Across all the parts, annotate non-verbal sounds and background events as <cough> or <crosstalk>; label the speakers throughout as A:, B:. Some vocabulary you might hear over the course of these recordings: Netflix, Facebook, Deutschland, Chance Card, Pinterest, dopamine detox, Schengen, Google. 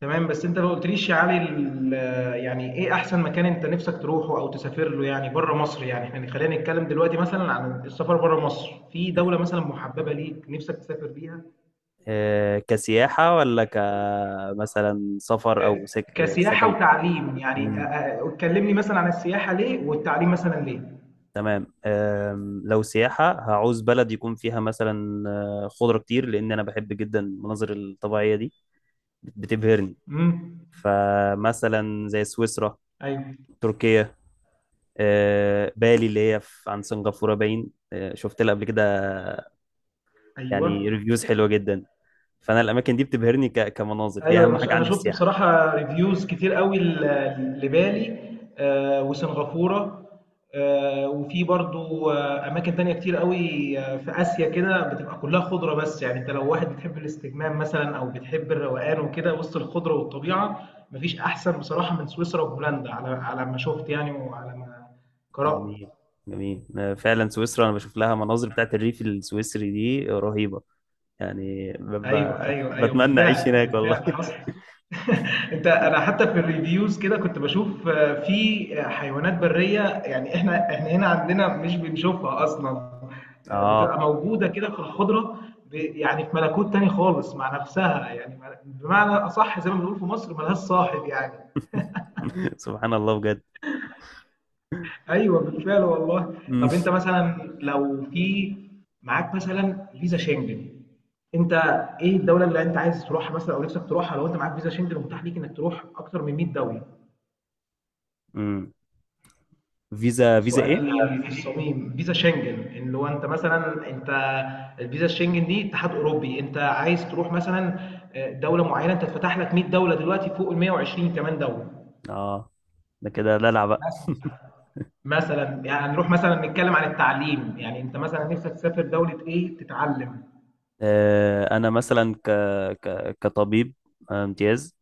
A: تمام، بس انت ما قلتليش يا علي يعني ايه احسن مكان انت نفسك تروحه او تسافر له، يعني بره مصر. يعني احنا خلينا نتكلم دلوقتي مثلا عن السفر بره مصر، في دولة مثلا محببة ليك نفسك تسافر بيها؟
B: آه، كسياحة ولا كمثلا سفر أو
A: آه،
B: سك... آه،
A: كسياحة
B: سكن.
A: وتعليم يعني.
B: مم.
A: اتكلمني مثلا عن السياحة ليه والتعليم مثلا ليه.
B: تمام، لو سياحة هعوز بلد يكون فيها مثلا خضرة كتير، لأن أنا بحب جدا المناظر الطبيعية دي، بتبهرني.
A: امم.
B: فمثلا زي سويسرا،
A: ايوه،
B: تركيا، بالي اللي هي عن سنغافورة، باين شفت لها قبل كده.
A: ايوه،
B: يعني ريفيوز حلوة جدا. فأنا الأماكن دي بتبهرني كمناظر، دي
A: ايوه.
B: أهم حاجة
A: أنا
B: عندي في
A: شفت
B: السياحة.
A: بصراحه ريفيوز كتير قوي لبالي، وسنغافوره، وفي برضو اماكن تانية كتير قوي، في اسيا كده بتبقى كلها خضره. بس يعني انت لو واحد بتحب الاستجمام مثلا او بتحب الروقان وكده وسط الخضره والطبيعه، مفيش احسن بصراحه من سويسرا وهولندا، على ما شفت يعني، وعلى ما قرات.
B: جميل، جميل. أنا فعلا سويسرا انا بشوف لها مناظر بتاعت الريف السويسري دي رهيبة. يعني
A: ايوه، ايوه، ايوه،
B: بتمنى اعيش
A: بالفعل،
B: هناك والله.
A: بالفعل حصل. <laughs> انت انا حتى في الريفيوز كده كنت بشوف في حيوانات بريه. يعني احنا هنا عندنا مش بنشوفها اصلا.
B: <laughs> اه.
A: بتبقى موجوده كده في الخضره. يعني في ملكوت تاني خالص مع نفسها، يعني بمعنى اصح زي ما بنقول في مصر، ملهاش صاحب يعني.
B: <laughs> سبحان الله بجد. <laughs>
A: ايوه، بالفعل والله.
B: مم.
A: طب انت مثلا لو في معاك مثلا فيزا شنجن، انت ايه الدوله اللي انت عايز تروحها مثلا او نفسك تروحها لو انت معاك فيزا شنجن ومتاح ليك انك تروح اكتر من 100 دوله؟
B: مم. فيزا،
A: سؤال
B: ايه؟
A: فيزا فيزا ايه؟ الصميم فيزا شنجن، ان لو انت مثلا انت الفيزا الشنجن دي اتحاد اوروبي، انت عايز تروح مثلا دوله معينه، انت اتفتح لك 100 دوله دلوقتي، فوق ال 120 كمان دوله
B: اه، ده كده دلع بقى.
A: مثلا. مثلا يعني نروح مثلا نتكلم عن التعليم، يعني انت مثلا نفسك تسافر دوله ايه تتعلم؟
B: آه، انا مثلا كطبيب امتياز.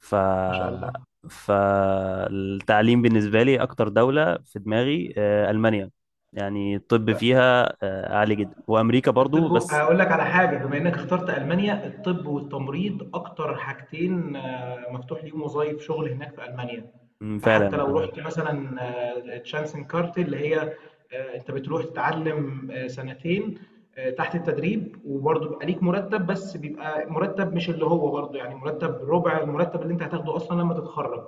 B: ف،
A: ما شاء الله.
B: فالتعليم بالنسبة لي أكتر دولة في دماغي ألمانيا. يعني الطب فيها عالي جدا، وأمريكا برضو.
A: الطب
B: بس
A: هقول لك على حاجة، بما انك اخترت ألمانيا، الطب والتمريض اكتر حاجتين مفتوح ليهم وظائف شغل هناك في ألمانيا.
B: أمم، فعلا
A: حتى لو
B: انا.
A: رحت مثلا تشانسن كارت اللي هي انت بتروح تتعلم سنتين تحت التدريب، وبرضه بيبقى ليك مرتب، بس بيبقى مرتب مش اللي هو، برضه يعني مرتب ربع المرتب اللي انت هتاخده اصلا لما تتخرج،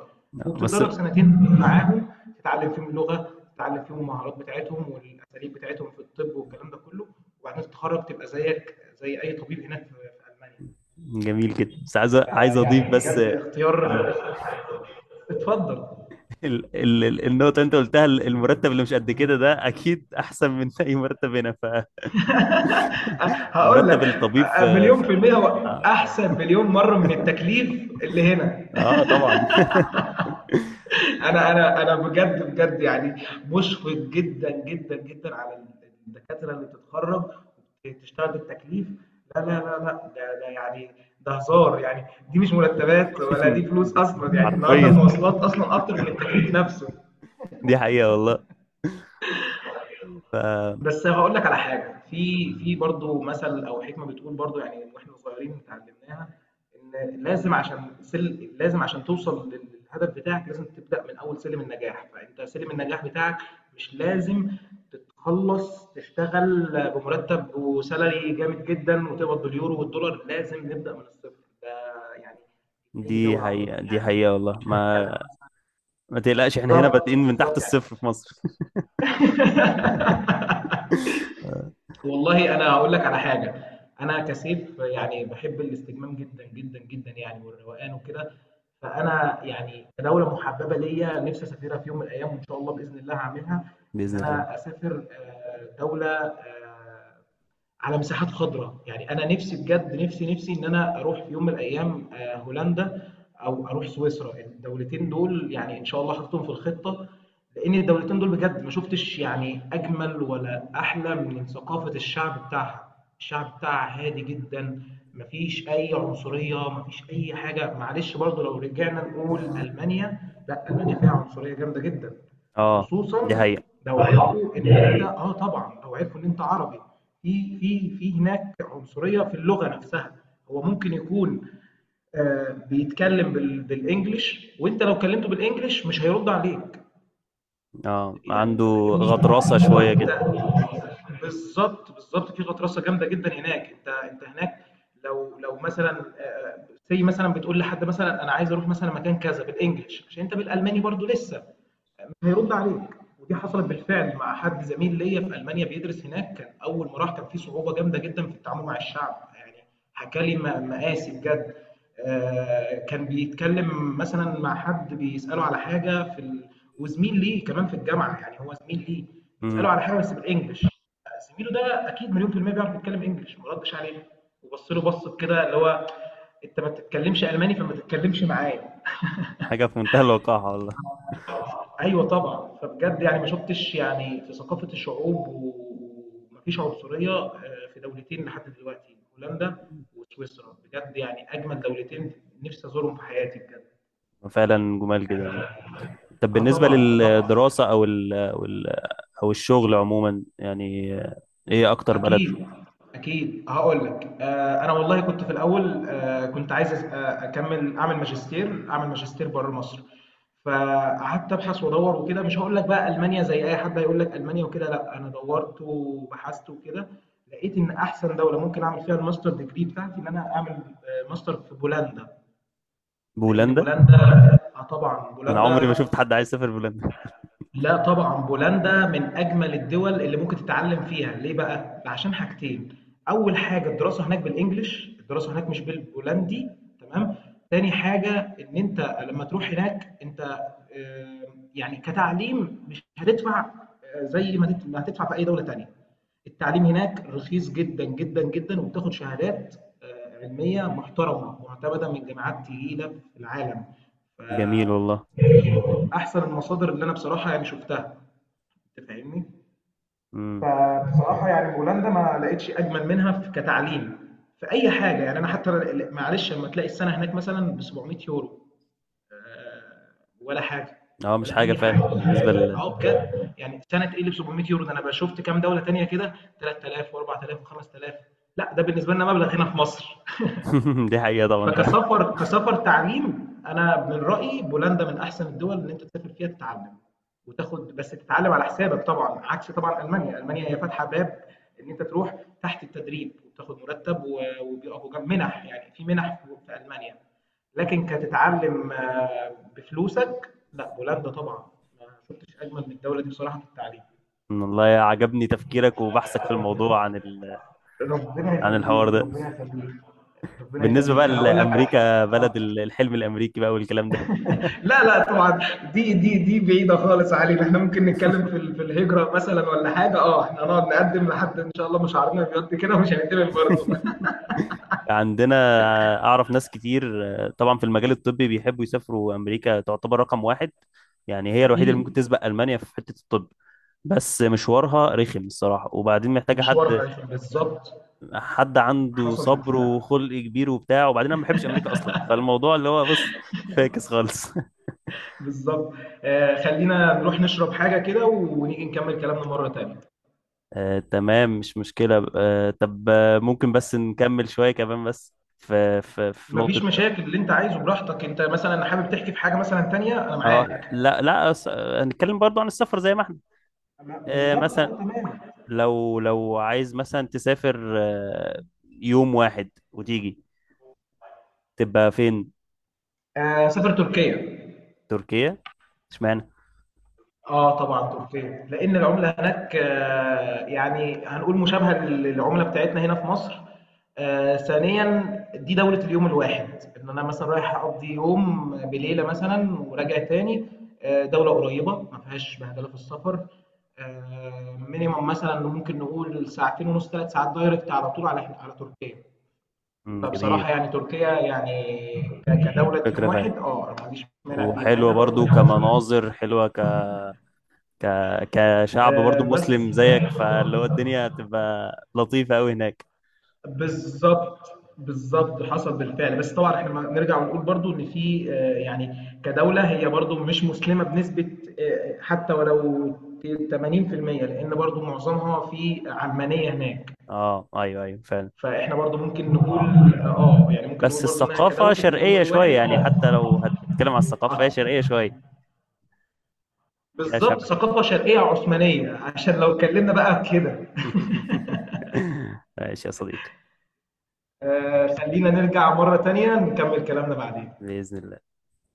B: بس
A: وبتتدرب سنتين معاهم، تتعلم فيهم اللغه، تتعلم فيهم المهارات بتاعتهم والاساليب بتاعتهم في الطب والكلام ده كله، وبعدين تتخرج تبقى زيك زي اي طبيب هناك في المانيا.
B: جميل كده، بس عايز، اضيف.
A: فيعني
B: بس
A: بجد اختيار.
B: ال...
A: <laughs> اتفضل.
B: النقطه اللي انت قلتها، المرتب اللي مش قد كده، ده اكيد احسن من اي مرتب هنا.
A: هقول
B: فمرتب
A: لك،
B: الطبيب
A: مليون في المية هو
B: اه،
A: أحسن مليون مرة من التكليف اللي هنا.
B: طبعا.
A: انا بجد، بجد، يعني مشفق جدا، جدا، جدا على الدكاتره اللي بتتخرج وبتشتغل بالتكليف. لا، ده يعني ده هزار يعني، دي مش مرتبات ولا دي فلوس
B: <laughs>
A: اصلا. يعني النهارده
B: حرفيا،
A: المواصلات اصلا اكتر من التكليف نفسه.
B: دي حقيقه والله. ف
A: بس هاقول لك على حاجة، في برضه مثل أو حكمة بتقول برضه، يعني من وإحنا صغيرين اتعلمناها، إن لازم، عشان سل لازم عشان توصل للهدف بتاعك لازم تبدأ من أول سلم النجاح. فأنت سلم النجاح بتاعك مش لازم تتخلص تشتغل بمرتب وsalary جامد جدًا وتقبض باليورو والدولار. لازم نبدأ من الصفر. ده يعني في أي
B: دي
A: دولة عمومًا
B: حقيقه، دي
A: يعني،
B: حقيقه والله
A: مش
B: ما.
A: هنتكلم مثلًا.
B: ما تقلقش احنا هنا بادئين
A: بالضبط،
B: من تحت
A: بالضبط يعني.
B: الصفر في مصر. <laughs>
A: <laughs> والله انا هقول لك على حاجه. انا كسيف يعني بحب الاستجمام جدا، جدا، جدا يعني، والروقان وكده. فانا يعني كدوله محببه ليا نفسي اسافرها في يوم من الايام، وان شاء الله باذن الله هعملها، ان
B: باذن الله.
A: انا اسافر دوله على مساحات خضراء. يعني انا نفسي بجد، نفسي، نفسي ان انا اروح في يوم من الايام هولندا او اروح سويسرا. الدولتين دول يعني ان شاء الله حاططهم في الخطه، لان الدولتين دول بجد ما شفتش يعني اجمل ولا احلى من ثقافه الشعب بتاعها. الشعب بتاعها هادي جدا، مفيش اي عنصريه، مفيش اي حاجه. معلش برضو لو رجعنا نقول المانيا، لا، المانيا فيها عنصريه جامده جدا،
B: اه، دي
A: خصوصا
B: حقيقه.
A: لو أيوه. عرفوا ان انت، اه طبعا لو عرفوا ان انت عربي، في هناك عنصريه في اللغه نفسها. هو ممكن يكون آه بيتكلم بالانجلش، وانت لو كلمته بالانجلش مش هيرد عليك.
B: اه،
A: يعني
B: عنده
A: أنت فاهمني؟
B: غطرسه
A: اللي هو
B: شويه
A: أنت،
B: كده.
A: بالضبط، بالضبط، في غطرسة جامدة جدًا هناك. أنت هناك لو مثلًا say مثلًا بتقول لحد مثلًا أنا عايز أروح مثلًا مكان كذا بالEnglish، عشان أنت بالألماني برضه لسه، هيرُد عليك. ودي حصلت بالفعل مع حد زميل ليّا في ألمانيا بيدرس هناك، كان أول ما راح كان في صعوبة جامدة جدًا في التعامل مع الشعب. يعني حكى لي مآسي بجد. كان بيتكلم مثلا مع حد بيسأله على حاجة في ال... وزميل ليه كمان في الجامعة، يعني هو زميل ليه، بيسأله
B: أمم،
A: على حاجة بس بالإنجلش. زميله ده أكيد مليون في المية بيعرف يتكلم إنجلش، ما ردش عليه وبص له بصة كده اللي هو، أنت ما بتتكلمش ألماني، فما تتكلمش معايا.
B: حاجه في منتهى الوقاحه والله.
A: أيوه طبعا. فبجد يعني ما شفتش يعني في ثقافة الشعوب، ومفيش عنصرية في دولتين لحد دلوقتي، هولندا وسويسرا. بجد يعني أجمل دولتين، نفسي أزورهم في حياتي بجد.
B: فعلا جمال جدا. طب
A: اه
B: بالنسبة
A: طبعا، اه طبعا.
B: للدراسة أو ال أو ال أو الشغل عموما، يعني إيه أكتر بلد؟
A: اكيد، اكيد. هقول لك، آه انا والله كنت في الاول آه كنت عايز اكمل، اعمل ماجستير بره مصر، فقعدت ابحث وادور وكده. مش هقول لك بقى المانيا زي اي حد هيقول لك المانيا وكده، لا، انا دورت وبحثت وكده، لقيت ان احسن دوله ممكن اعمل فيها الماستر ديجري بتاعتي، ان انا اعمل ماستر في بولندا. لان
B: بولندا؟
A: بولندا، اه طبعا
B: أنا عمري ما
A: بولندا،
B: شفت حد عايز يسافر بولندا.
A: لا طبعًا بولندا من أجمل الدول اللي ممكن تتعلم فيها. ليه بقى؟ عشان حاجتين، أول حاجة الدراسة هناك بالإنجلش، الدراسة هناك مش بالبولندي، تمام؟ تاني حاجة إن أنت لما تروح هناك أنت، آآ يعني كتعليم مش هتدفع زي ما ما هتدفع في أي دولة تانية. التعليم هناك رخيص جدًا، جدًا، جدًا، وبتاخد شهادات علمية محترمة، مُعتمدة من جامعات تقيلة في العالم، ف
B: جميل والله.
A: أحسن المصادر اللي أنا بصراحة يعني شُفتها. أنت فاهمني؟
B: امم،
A: فبصراحة يعني بولندا ما لقيتش أجمل منها ف كتعليم، في أي حاجة. يعني أنا حتى ال معلش لمّا تلاقي السَنة هناك مثلًا ب700€ آآ ولا حاجة،
B: أه مش
A: ولا
B: حاجة
A: أي
B: فعلا
A: حاجة.
B: بالنسبة ل.
A: آه بجد، يعني سَنة إيه اللي ب700€ ده؟ أنا بقى شُفت كام دولة تانية كده 3000 و4000 و5000. لأ، ده بالنسبة لنا مبلغ هنا في مصر.
B: <laughs> دي حقيقة طبعا ده.
A: فكسفر، كسفر تعليم، انا من رايي بولندا من احسن الدول اللي انت تسافر فيها تتعلم وتاخد، بس تتعلم على حسابك طبعا، عكس طبعا المانيا. المانيا هي فاتحه باب ان انت تروح تحت التدريب وتاخد مرتب، وبيقفوا جنب منح، يعني في منح في المانيا، لكن كتتعلم بفلوسك لا، بولندا طبعا ما شفتش اجمل من الدوله دي بصراحه في التعليم.
B: والله عجبني تفكيرك وبحثك في الموضوع عن
A: ربنا
B: عن الحوار
A: يخليك،
B: ده.
A: ربنا يخليك. ربنا
B: بالنسبة بقى
A: يخليك، هقول لك على حاجه.
B: لأمريكا،
A: اه
B: بلد الحلم الأمريكي بقى والكلام ده.
A: لا، لا طبعًا، دي بعيدة خالص علينا. إحنا ممكن نتكلّم في ال الهجرة مثلًا والّا حاجة. إحنا هنقعد نقدّم لحد إن شاء الله مشاعرنا بيض كده ومش هنتقبل برضه. <laughs>
B: عندنا، اعرف ناس كتير طبعا في المجال الطبي بيحبوا يسافروا، امريكا تعتبر رقم واحد. يعني هي الوحيده اللي ممكن
A: أكيد.
B: تسبق المانيا في حته الطب. بس مشوارها رخم الصراحه، وبعدين محتاجه
A: مشوارها هيفرق بالضبط.
B: حد عنده
A: حصل
B: صبر
A: بالفعل.
B: وخلق كبير وبتاع، وبعدين انا ما بحبش امريكا اصلا، فالموضوع اللي هو بص، فاكس خالص. <laughs>
A: بالضبط. خلّينا نروح نشرب حاجة كده ونيجي نكمّل كلامنا مرّة تانية.
B: آه، تمام مش مشكله. آه، طب آه، ممكن بس نكمل شويه كمان، بس في في
A: ما فيش
B: نقطه.
A: مشاكل، اللي أنت عايزه براحتك. أنت مثلًا حابب تحكي في حاجة مثلًا تانية، أنا
B: اه،
A: معاك.
B: لا لا، هنتكلم برضو عن السفر زي ما احنا. آه،
A: بالضبط،
B: مثلا
A: تمام.
B: لو عايز مثلا تسافر يوم واحد وتيجي، تبقى فين؟
A: سافر تركيا.
B: تركيا؟ اشمعنى؟
A: آه طبعًا تركيا، لإن العملة هناك يعني هنقول مشابهة للعملة بتاعتنا هنا في مصر. ثانيًا دي دولة اليوم الواحد، إن أنا مثلًا رايح أقضي يوم بليلة مثلًا وراجع تاني. دولة قريبة ما فيهاش بهدلة في السفر. Minimum مثلًا ممكن نقول ساعتين ونُص 3 ساعات direct على طول على ح على تركيا.
B: مم، جميل.
A: فبصراحة يعني تركيا يعني كدولة
B: فكرة
A: يوم
B: فعلا،
A: واحد، أنا ما عنديش مانع فيها، مع
B: وحلوة
A: إنها برضه
B: برضو
A: فيها عنصرية.
B: كمناظر حلوة، ك... كشعب برضو
A: بس
B: مسلم
A: ف
B: زيك، فاللي هو الدنيا هتبقى لطيفة أوي هناك.
A: بالضبط، بالضبط، حصل بالفعل. بس طبعًا إحنا ما نرجع ونقول برضه إن في يعني كدولة هي برضه مش مسلمة بنسبة حتى ولو ت 80%، لإن برضه معظمها في علمانية هناك.
B: اه ايوه ايوه فعلا.
A: فإحنا برضه ممكن نقول يعني ممكن نقول
B: بس
A: برضه إنها
B: الثقافة
A: كدولة اليوم
B: شرقية شوية،
A: الواحد.
B: يعني
A: آه،
B: حتى لو هتتكلم على الثقافة
A: أط
B: هي شرقية شوية، فيها
A: بالضبط،
B: شبه.
A: ثقافة شرقية عثمانية، عشان لو اتكلمنا بقى كده.
B: <laughs> ماشي يا صديقي.
A: <laughs> خلّينا نرجع مرة تانية نكمل كلامنا بعدين.
B: بإذن الله.